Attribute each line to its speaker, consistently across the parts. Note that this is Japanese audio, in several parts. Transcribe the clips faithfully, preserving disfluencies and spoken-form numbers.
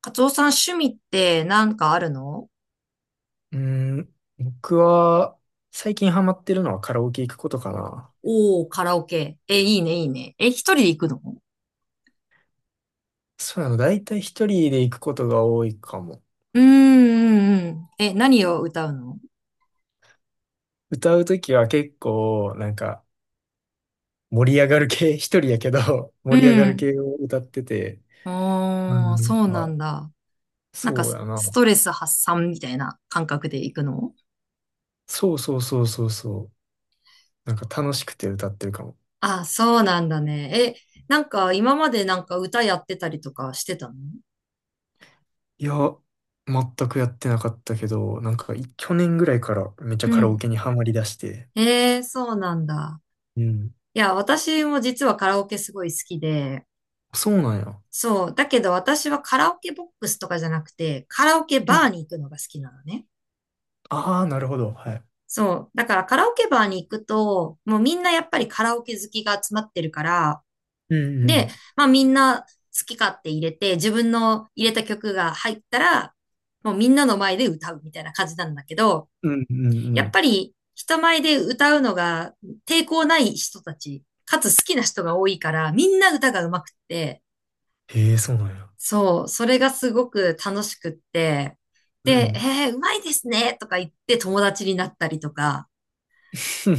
Speaker 1: カツオさん、趣味ってなんかあるの？
Speaker 2: うーん、僕は最近ハマってるのはカラオケ行くことかな。
Speaker 1: おー、カラオケ。え、いいね、いいね。え、一人で行くの？
Speaker 2: そうなの、だいたい一人で行くことが多いかも。
Speaker 1: うーん、うん、うん。え、何を歌うの？
Speaker 2: 歌うときは結構、なんか、盛り上がる系、一人やけど、
Speaker 1: う
Speaker 2: 盛り上がる
Speaker 1: ん。
Speaker 2: 系を歌ってて、う
Speaker 1: おー、
Speaker 2: ん
Speaker 1: そう
Speaker 2: あ、
Speaker 1: なんだ。なんか
Speaker 2: そう
Speaker 1: ス、
Speaker 2: やな。
Speaker 1: ストレス発散みたいな感覚で行くの？
Speaker 2: そうそうそうそうそう。なんか楽しくて歌ってるかも。
Speaker 1: あ、そうなんだね。え、なんか今までなんか歌やってたりとかしてたの？
Speaker 2: いや、全くやってなかったけど、なんかい去年ぐらいからめっちゃ
Speaker 1: う
Speaker 2: カラオ
Speaker 1: ん。
Speaker 2: ケにハマりだして。
Speaker 1: えー、そうなんだ。
Speaker 2: うん。
Speaker 1: いや、私も実はカラオケすごい好きで、
Speaker 2: そうなんや。
Speaker 1: そう。だけど私はカラオケボックスとかじゃなくて、カラオケ
Speaker 2: う
Speaker 1: バー
Speaker 2: ん
Speaker 1: に行くのが好きなのね。
Speaker 2: ああ、なるほど。はい。
Speaker 1: そう。だからカラオケバーに行くと、もうみんなやっぱりカラオケ好きが集まってるから、
Speaker 2: うんう
Speaker 1: で、
Speaker 2: ん。
Speaker 1: まあみんな好き勝手入れて、自分の入れた曲が入ったら、もうみんなの前で歌うみたいな感じなんだけど、
Speaker 2: うんうんう
Speaker 1: やっ
Speaker 2: ん。
Speaker 1: ぱり人前で歌うのが抵抗ない人たち、かつ好きな人が多いから、みんな歌が上手くって、
Speaker 2: へえ、そうなんや。
Speaker 1: そう、それがすごく楽しくって、
Speaker 2: う
Speaker 1: で、
Speaker 2: ん。
Speaker 1: えー、うまいですねとか言って友達になったりとか、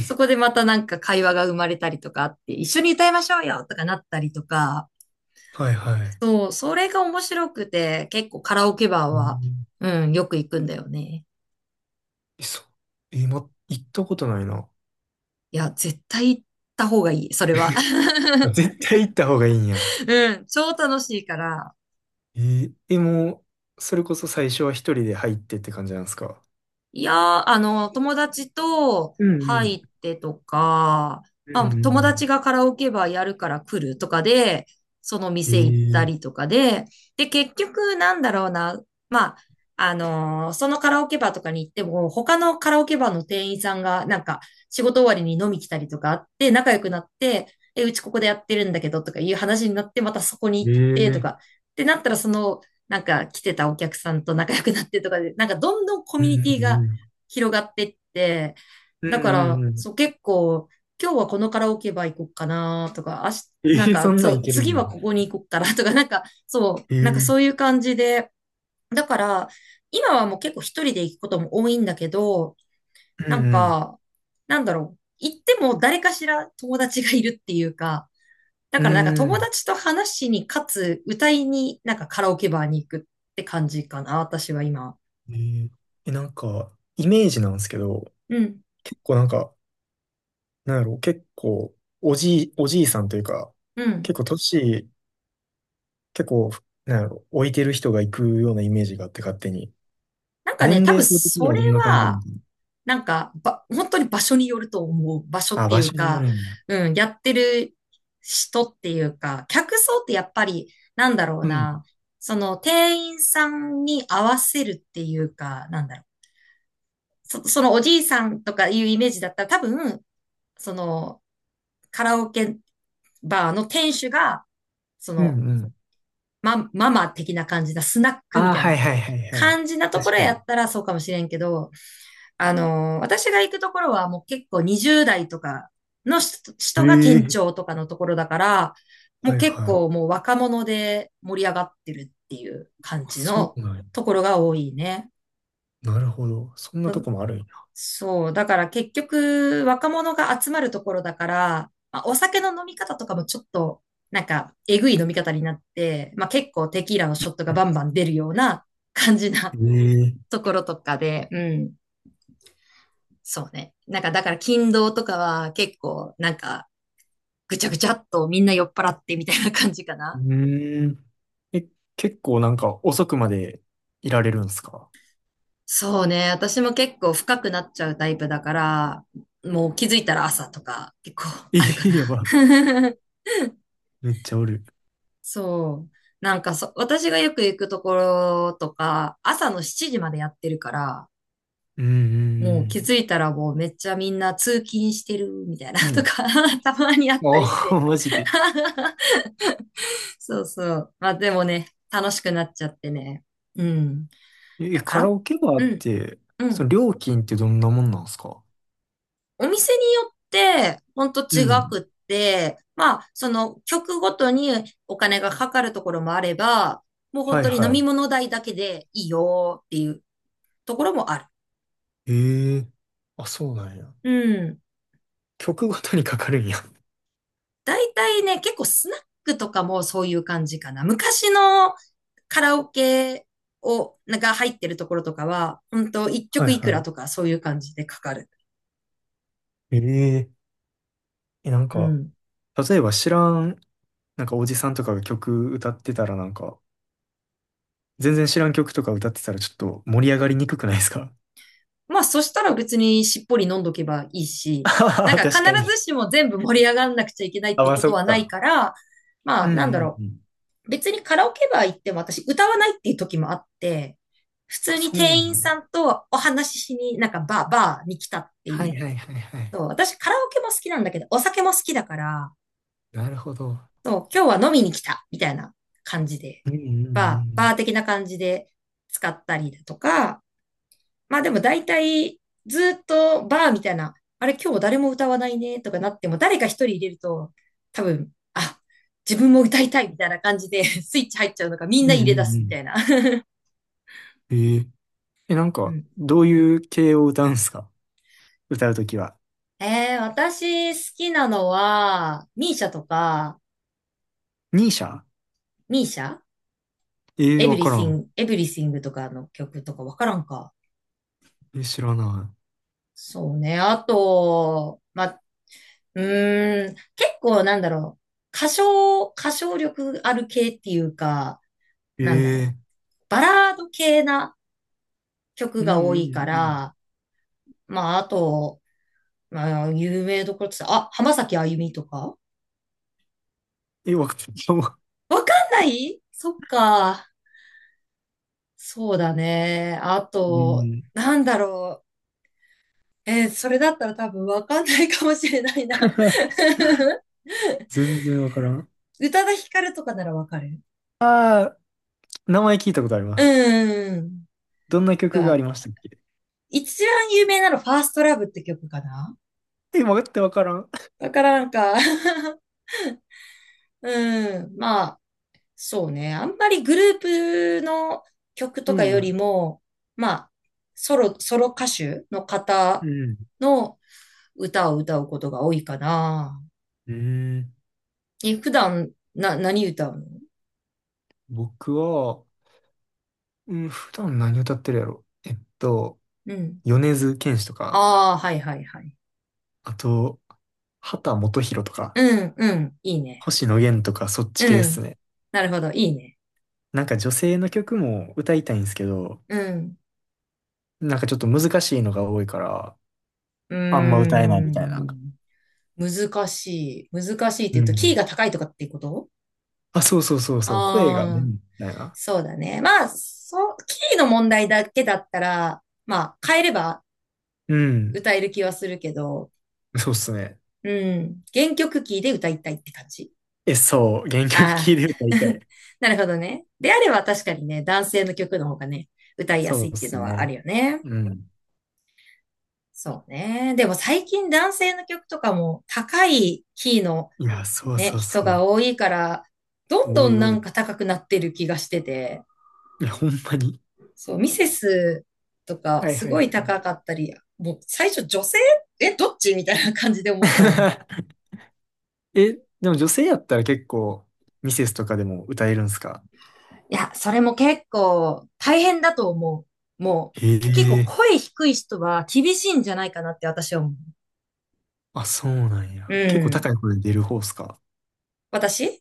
Speaker 1: そこ でまたなんか会話が生まれたりとかあって、一緒に歌いましょうよとかなったりとか、
Speaker 2: はいはい。
Speaker 1: そう、それが面白くて、結構カラオケバー
Speaker 2: う
Speaker 1: は、
Speaker 2: ん
Speaker 1: うん、よく行くんだよね。
Speaker 2: えそう。え、ま、行ったことないな。
Speaker 1: いや、絶対行った方がいい、それは。
Speaker 2: あ、 絶対行った方がいいんや。
Speaker 1: うん、超楽しいから。
Speaker 2: えー、え、もう、それこそ最初は一人で入ってって感じなんですか？
Speaker 1: いやー、あの、友達と
Speaker 2: うんう
Speaker 1: 入
Speaker 2: ん。
Speaker 1: ってとか、
Speaker 2: うん
Speaker 1: まあ、
Speaker 2: うんう
Speaker 1: 友達
Speaker 2: ん。
Speaker 1: がカラオケバーやるから来るとかで、その
Speaker 2: え
Speaker 1: 店行った
Speaker 2: ー、
Speaker 1: りとかで、で、結局なんだろうな、まあ、あのーそのカラオケバーとかに行っても、他のカラオケバーの店員さんが、なんか、仕事終わりに飲み来たりとかあって、仲良くなって、え、うちここでやってるんだけどとかいう話になって、またそこに
Speaker 2: え
Speaker 1: 行ってと
Speaker 2: ー、
Speaker 1: か、ってなったら、その、なんか来てたお客さんと仲良くなってとかで、なんかどんどんコ
Speaker 2: うん
Speaker 1: ミュ
Speaker 2: う
Speaker 1: ニティが
Speaker 2: ん
Speaker 1: 広がってって、
Speaker 2: うんう
Speaker 1: だか
Speaker 2: ん。う
Speaker 1: ら、
Speaker 2: んうん。
Speaker 1: そう、結構、今日はこのカラオケバー行こうかなとか、あし
Speaker 2: え
Speaker 1: なん
Speaker 2: ー、そ
Speaker 1: か、
Speaker 2: んな
Speaker 1: そ
Speaker 2: んい
Speaker 1: う、
Speaker 2: けるん
Speaker 1: 次
Speaker 2: や。
Speaker 1: はここに行こうかな とか、なんか、そう、
Speaker 2: え
Speaker 1: なんか
Speaker 2: ー、
Speaker 1: そういう感じで、だから、今はもう結構一人で行くことも多いんだけど、
Speaker 2: う
Speaker 1: な
Speaker 2: ん
Speaker 1: ん
Speaker 2: うん。
Speaker 1: か、なんだろう、行っても誰かしら友達がいるっていうか、だ
Speaker 2: う
Speaker 1: からなんか
Speaker 2: ん。う
Speaker 1: 友
Speaker 2: ん。
Speaker 1: 達と話しに、かつ歌いに、なんかカラオケバーに行くって感じかな、私は今。
Speaker 2: えー、え、なんか、イメージなんですけど、
Speaker 1: うん、
Speaker 2: 結構なんか、なんやろう、結構、おじい、おじいさんというか、
Speaker 1: うん。
Speaker 2: 結構年、結構、なんやろう、置いてる人が行くようなイメージがあって、勝手に。
Speaker 1: なんかね、
Speaker 2: 年
Speaker 1: 多
Speaker 2: 齢
Speaker 1: 分
Speaker 2: 層的に
Speaker 1: そ
Speaker 2: は
Speaker 1: れ
Speaker 2: どんな感じなの
Speaker 1: は、
Speaker 2: か？
Speaker 1: なんか、ば、本当に場所によると思う。場所
Speaker 2: な
Speaker 1: っ
Speaker 2: あ、
Speaker 1: てい
Speaker 2: 場所
Speaker 1: う
Speaker 2: によ
Speaker 1: か、
Speaker 2: るんや。
Speaker 1: うん、やってる人っていうか、客層ってやっぱり、なんだろう
Speaker 2: うん。
Speaker 1: な、その店員さんに合わせるっていうか、なんだろう。そ、そのおじいさんとかいうイメージだったら多分、そのカラオケバーの店主が、そ
Speaker 2: う
Speaker 1: の、
Speaker 2: んうん。
Speaker 1: まマママ的な感じだ、スナック
Speaker 2: あ
Speaker 1: み
Speaker 2: あ、
Speaker 1: たい
Speaker 2: はい
Speaker 1: な
Speaker 2: はいはいはい。
Speaker 1: 感じなとこ
Speaker 2: 確
Speaker 1: ろ
Speaker 2: か
Speaker 1: や
Speaker 2: に。
Speaker 1: ったらそうかもしれんけど、あのー、私が行くところはもう結構にじゅうだい代とかの人人が店
Speaker 2: ええ。
Speaker 1: 長とかのところだから、も
Speaker 2: は
Speaker 1: う
Speaker 2: い
Speaker 1: 結
Speaker 2: はい。
Speaker 1: 構もう若者で盛り上がってるっていう感
Speaker 2: あ、
Speaker 1: じ
Speaker 2: そ
Speaker 1: の
Speaker 2: うなんや。
Speaker 1: ところが多いね。
Speaker 2: なるほど。そんな
Speaker 1: う
Speaker 2: と
Speaker 1: ん、
Speaker 2: こもあるんや。
Speaker 1: そう。だから結局若者が集まるところだから、まあ、お酒の飲み方とかもちょっとなんかえぐい飲み方になって、まあ結構テキーラのショットがバンバ ン出るような感じな
Speaker 2: ええ。
Speaker 1: ところとかで、うん。そうね。なんかだから勤労とかは結構なんかぐちゃぐちゃっとみんな酔っ払ってみたいな感じか
Speaker 2: う
Speaker 1: な。
Speaker 2: ーん。え、結構なんか遅くまでいられるんすか？
Speaker 1: そうね。私も結構深くなっちゃうタイプだから、もう気づいたら朝とか結構
Speaker 2: え
Speaker 1: あるか
Speaker 2: え。やば。
Speaker 1: な。
Speaker 2: めっちゃおる。
Speaker 1: そう。なんかそ、私がよく行くところとか、朝のしちじまでやってるから、
Speaker 2: うんう
Speaker 1: もう気
Speaker 2: ん
Speaker 1: づいたらもうめっちゃみんな通勤してるみたいな
Speaker 2: うん。う
Speaker 1: と
Speaker 2: ん。
Speaker 1: か たまにあったりし
Speaker 2: ああ、
Speaker 1: て。
Speaker 2: マジで。
Speaker 1: そうそう。まあでもね、楽しくなっちゃってね。うん。い
Speaker 2: え、
Speaker 1: や、カ
Speaker 2: カラ
Speaker 1: ラ
Speaker 2: オケバー
Speaker 1: う
Speaker 2: っ
Speaker 1: ん、
Speaker 2: て、
Speaker 1: う
Speaker 2: その
Speaker 1: ん。
Speaker 2: 料金ってどんなもんなんすか？
Speaker 1: お店によって、ほんと
Speaker 2: う
Speaker 1: 違
Speaker 2: ん。
Speaker 1: くって、まあ、その曲ごとにお金がかかるところもあれば、もう本
Speaker 2: はい
Speaker 1: 当に飲
Speaker 2: は
Speaker 1: み
Speaker 2: い。
Speaker 1: 物代だけでいいよっていうところもある。
Speaker 2: ええ。あ、そうなんや。
Speaker 1: うん。
Speaker 2: 曲ごとにかかるんや。
Speaker 1: だいたいね、結構スナックとかもそういう感じかな。昔のカラオケを、が入ってるところとかは、本当 一
Speaker 2: はい
Speaker 1: 曲いくら
Speaker 2: は
Speaker 1: とかそういう感じでかかる。
Speaker 2: い。えええ、なん
Speaker 1: う
Speaker 2: か、
Speaker 1: ん。
Speaker 2: 例えば知らん、なんかおじさんとかが曲歌ってたらなんか、全然知らん曲とか歌ってたらちょっと盛り上がりにくくないですか？
Speaker 1: まあ、そしたら別にしっぽり飲んどけばいい
Speaker 2: あ
Speaker 1: し、
Speaker 2: は
Speaker 1: なん
Speaker 2: は
Speaker 1: か必
Speaker 2: 確かに。
Speaker 1: ずしも全部盛り上がんなくちゃいけないっ
Speaker 2: あ、
Speaker 1: て
Speaker 2: まあ、
Speaker 1: こと
Speaker 2: そっ
Speaker 1: はない
Speaker 2: か。
Speaker 1: から、
Speaker 2: う
Speaker 1: まあ、
Speaker 2: んう
Speaker 1: なんだ
Speaker 2: ん
Speaker 1: ろ
Speaker 2: うん。
Speaker 1: う。別にカラオケバー行っても私歌わないっていう時もあって、普
Speaker 2: あ、
Speaker 1: 通に
Speaker 2: そうな
Speaker 1: 店員
Speaker 2: ん
Speaker 1: さ
Speaker 2: や。
Speaker 1: んとお話ししに、なんかバー、バーに来たって
Speaker 2: は
Speaker 1: い
Speaker 2: い
Speaker 1: う。
Speaker 2: はいはいはい。
Speaker 1: そう、私カラオケも好きなんだけど、お酒も好きだから、
Speaker 2: なるほど。
Speaker 1: そう、今日は飲みに来た、みたいな感じで、
Speaker 2: うんう
Speaker 1: バー、バ
Speaker 2: ん
Speaker 1: ー的な感じで使ったりだとか、まあでも大体ずっとバーみたいな、あれ今日誰も歌わないねとかなっても誰か一人入れると多分、あ、自分も歌いたいみたいな感じで スイッチ入っちゃうのかみん
Speaker 2: う
Speaker 1: な
Speaker 2: ん。う
Speaker 1: 入
Speaker 2: ん
Speaker 1: れ
Speaker 2: う
Speaker 1: 出
Speaker 2: んう
Speaker 1: すみた
Speaker 2: ん。
Speaker 1: いな。
Speaker 2: えー、え、なん
Speaker 1: う
Speaker 2: か、
Speaker 1: ん。
Speaker 2: どういう系を歌うんすか？歌うときは。
Speaker 1: えー、私好きなのは、ミーシャとか、
Speaker 2: ニーシャ？
Speaker 1: ミーシャ
Speaker 2: ええー、
Speaker 1: エブ
Speaker 2: わ
Speaker 1: リ
Speaker 2: から
Speaker 1: シン
Speaker 2: ん。
Speaker 1: グ、エブリシングとかの曲とかわからんか。
Speaker 2: え、知らな
Speaker 1: そうね。あと、ま、うーん、結構なんだろう。歌唱、歌唱力ある系っていうか、
Speaker 2: い。
Speaker 1: なんだ
Speaker 2: ええ
Speaker 1: ろう。
Speaker 2: ー、
Speaker 1: バラード系な曲
Speaker 2: うん
Speaker 1: が多
Speaker 2: うん
Speaker 1: いか
Speaker 2: うん。
Speaker 1: ら、まあ、あと、まあ、有名どころって言ったら、あ、浜崎あゆみとか、
Speaker 2: え、わかんない。
Speaker 1: わかんない、そっか。そうだね。あ
Speaker 2: う
Speaker 1: と、
Speaker 2: ん。
Speaker 1: なんだろう。えーそれだったら多分わかんないかもしれないな。
Speaker 2: 全然わからん。
Speaker 1: 宇多田ヒカルとかならわかる？
Speaker 2: ああ、名前聞いたことあります。
Speaker 1: うん。
Speaker 2: どんな
Speaker 1: と
Speaker 2: 曲があ
Speaker 1: か、
Speaker 2: りましたっけ？
Speaker 1: 一番有名なのファーストラブって曲かな？
Speaker 2: え、わかって、わからん。
Speaker 1: だからなんか うん。まそうね。あんまりグループの曲
Speaker 2: う
Speaker 1: とかより
Speaker 2: ん。
Speaker 1: も、まあ、ソロ、ソロ歌手の
Speaker 2: う
Speaker 1: 方
Speaker 2: ん。
Speaker 1: の歌を歌うことが多いかな。
Speaker 2: うん。
Speaker 1: え、普段、な、何歌うの？
Speaker 2: 僕は、うん、普段何歌ってるやろ。えっと、
Speaker 1: うん。
Speaker 2: 米津玄師とか、
Speaker 1: ああ、はいはいはい。
Speaker 2: あと、秦基博とか。
Speaker 1: うん、うん、いいね。
Speaker 2: 星野源とかそっち
Speaker 1: う
Speaker 2: 系です
Speaker 1: ん。
Speaker 2: ね。
Speaker 1: なるほど、いいね。
Speaker 2: なんか女性の曲も歌いたいんですけど、
Speaker 1: うん。
Speaker 2: なんかちょっと難しいのが多いから、
Speaker 1: うー
Speaker 2: あんま歌えないみたいな。
Speaker 1: ん。難しい。難しいって
Speaker 2: う
Speaker 1: 言うと、キー
Speaker 2: ん。
Speaker 1: が高いとかっていうこと？
Speaker 2: あ、そうそうそうそう、声が出ない
Speaker 1: あ、
Speaker 2: みたいな。
Speaker 1: そうだね。まあ、そう、キーの問題だけだったら、まあ、変えれば
Speaker 2: うん。
Speaker 1: 歌える気はするけど、
Speaker 2: そうっすね。
Speaker 1: うん、原曲キーで歌いたいって感じ。
Speaker 2: え、そう、原曲聴い
Speaker 1: あ
Speaker 2: て歌
Speaker 1: あ、
Speaker 2: いたい。
Speaker 1: なるほどね。であれば確かにね、男性の曲の方がね、歌いや
Speaker 2: そ
Speaker 1: すい
Speaker 2: う
Speaker 1: っ
Speaker 2: っ
Speaker 1: ていう
Speaker 2: す
Speaker 1: のはあ
Speaker 2: ね。
Speaker 1: るよね。
Speaker 2: うん。
Speaker 1: そうね。でも最近男性の曲とかも高いキーの
Speaker 2: いや、そう
Speaker 1: ね、
Speaker 2: そう
Speaker 1: 人
Speaker 2: そ
Speaker 1: が
Speaker 2: う。
Speaker 1: 多いから、どん
Speaker 2: 多
Speaker 1: どん
Speaker 2: い
Speaker 1: な
Speaker 2: 多い。
Speaker 1: んか高くなってる気がしてて、
Speaker 2: いや、ほんまに。
Speaker 1: そう、ミセスとか
Speaker 2: はい
Speaker 1: す
Speaker 2: はい
Speaker 1: ご
Speaker 2: はい。
Speaker 1: い高かったり、もう最初女性？え、どっちみたいな感じで思ったもん。
Speaker 2: え、でも女性やったら結構、ミセスとかでも歌えるんすか？
Speaker 1: いや、それも結構大変だと思う。も
Speaker 2: へ
Speaker 1: う、結構
Speaker 2: え。
Speaker 1: 声低い人は厳しいんじゃないかなって私は思う。
Speaker 2: あ、そうなんや。
Speaker 1: う
Speaker 2: 結構高
Speaker 1: ん。
Speaker 2: い声で出る方っすか？
Speaker 1: 私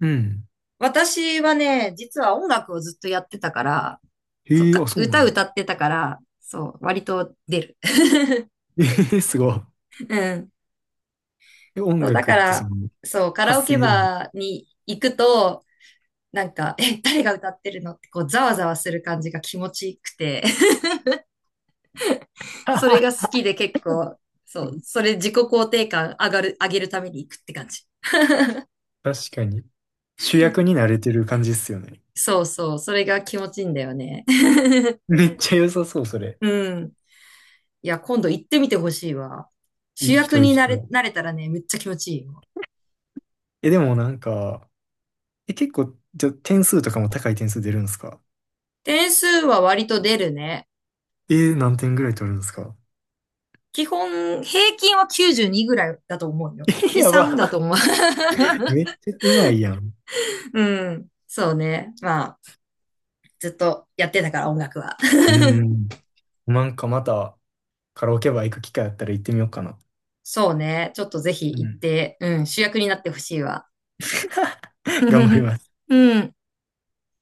Speaker 2: うん。
Speaker 1: 私はね、実は音楽をずっとやってたから、そう
Speaker 2: へえ、あ、
Speaker 1: か、
Speaker 2: そうな
Speaker 1: 歌
Speaker 2: の。
Speaker 1: 歌ってたから、そう、割と出る。
Speaker 2: ええ、すごい。
Speaker 1: うん。
Speaker 2: え、音
Speaker 1: そう、だ
Speaker 2: 楽っ
Speaker 1: か
Speaker 2: てそ
Speaker 1: ら、
Speaker 2: の、
Speaker 1: そう、カラオ
Speaker 2: 発
Speaker 1: ケ
Speaker 2: 声でも。
Speaker 1: バーに行くと、なんか、え、誰が歌ってるのってこう、ざわざわする感じが気持ちいくて、それが
Speaker 2: は
Speaker 1: 好
Speaker 2: は。
Speaker 1: きで結構、そう、それ自己肯定感上がる、上げるために行くって感じ。
Speaker 2: 確かに。主役に慣れてる感じっすよね。
Speaker 1: そうそう、それが気持ちいいんだよね。
Speaker 2: めっちゃ良さそう、それ。
Speaker 1: うん。いや、今度行ってみてほしいわ。主
Speaker 2: 行きた
Speaker 1: 役
Speaker 2: い、行
Speaker 1: に
Speaker 2: き
Speaker 1: な
Speaker 2: た
Speaker 1: れ、
Speaker 2: い。
Speaker 1: なれたらね、めっちゃ気持ちいいよ。
Speaker 2: え、でもなんか、え、結構、じゃ、点数とかも高い点数出るんですか？
Speaker 1: 点数は割と出るね。
Speaker 2: えー、何点ぐらい取るんですか？
Speaker 1: 基本、平均はきゅうじゅうにぐらいだと思うよ。
Speaker 2: え、
Speaker 1: に、
Speaker 2: や
Speaker 1: さんだ
Speaker 2: ば。
Speaker 1: と思う。
Speaker 2: めっちゃうまいやん。
Speaker 1: うん。そうね。まあ、ずっとやってたから、音楽は。
Speaker 2: うーん。なんかまた、カラオケバー行く機会あったら行ってみようかな。
Speaker 1: そうね。ちょっとぜひ
Speaker 2: う
Speaker 1: 行っ
Speaker 2: ん。
Speaker 1: て、うん、主役になってほしいわ。
Speaker 2: 頑張り ます。
Speaker 1: うん。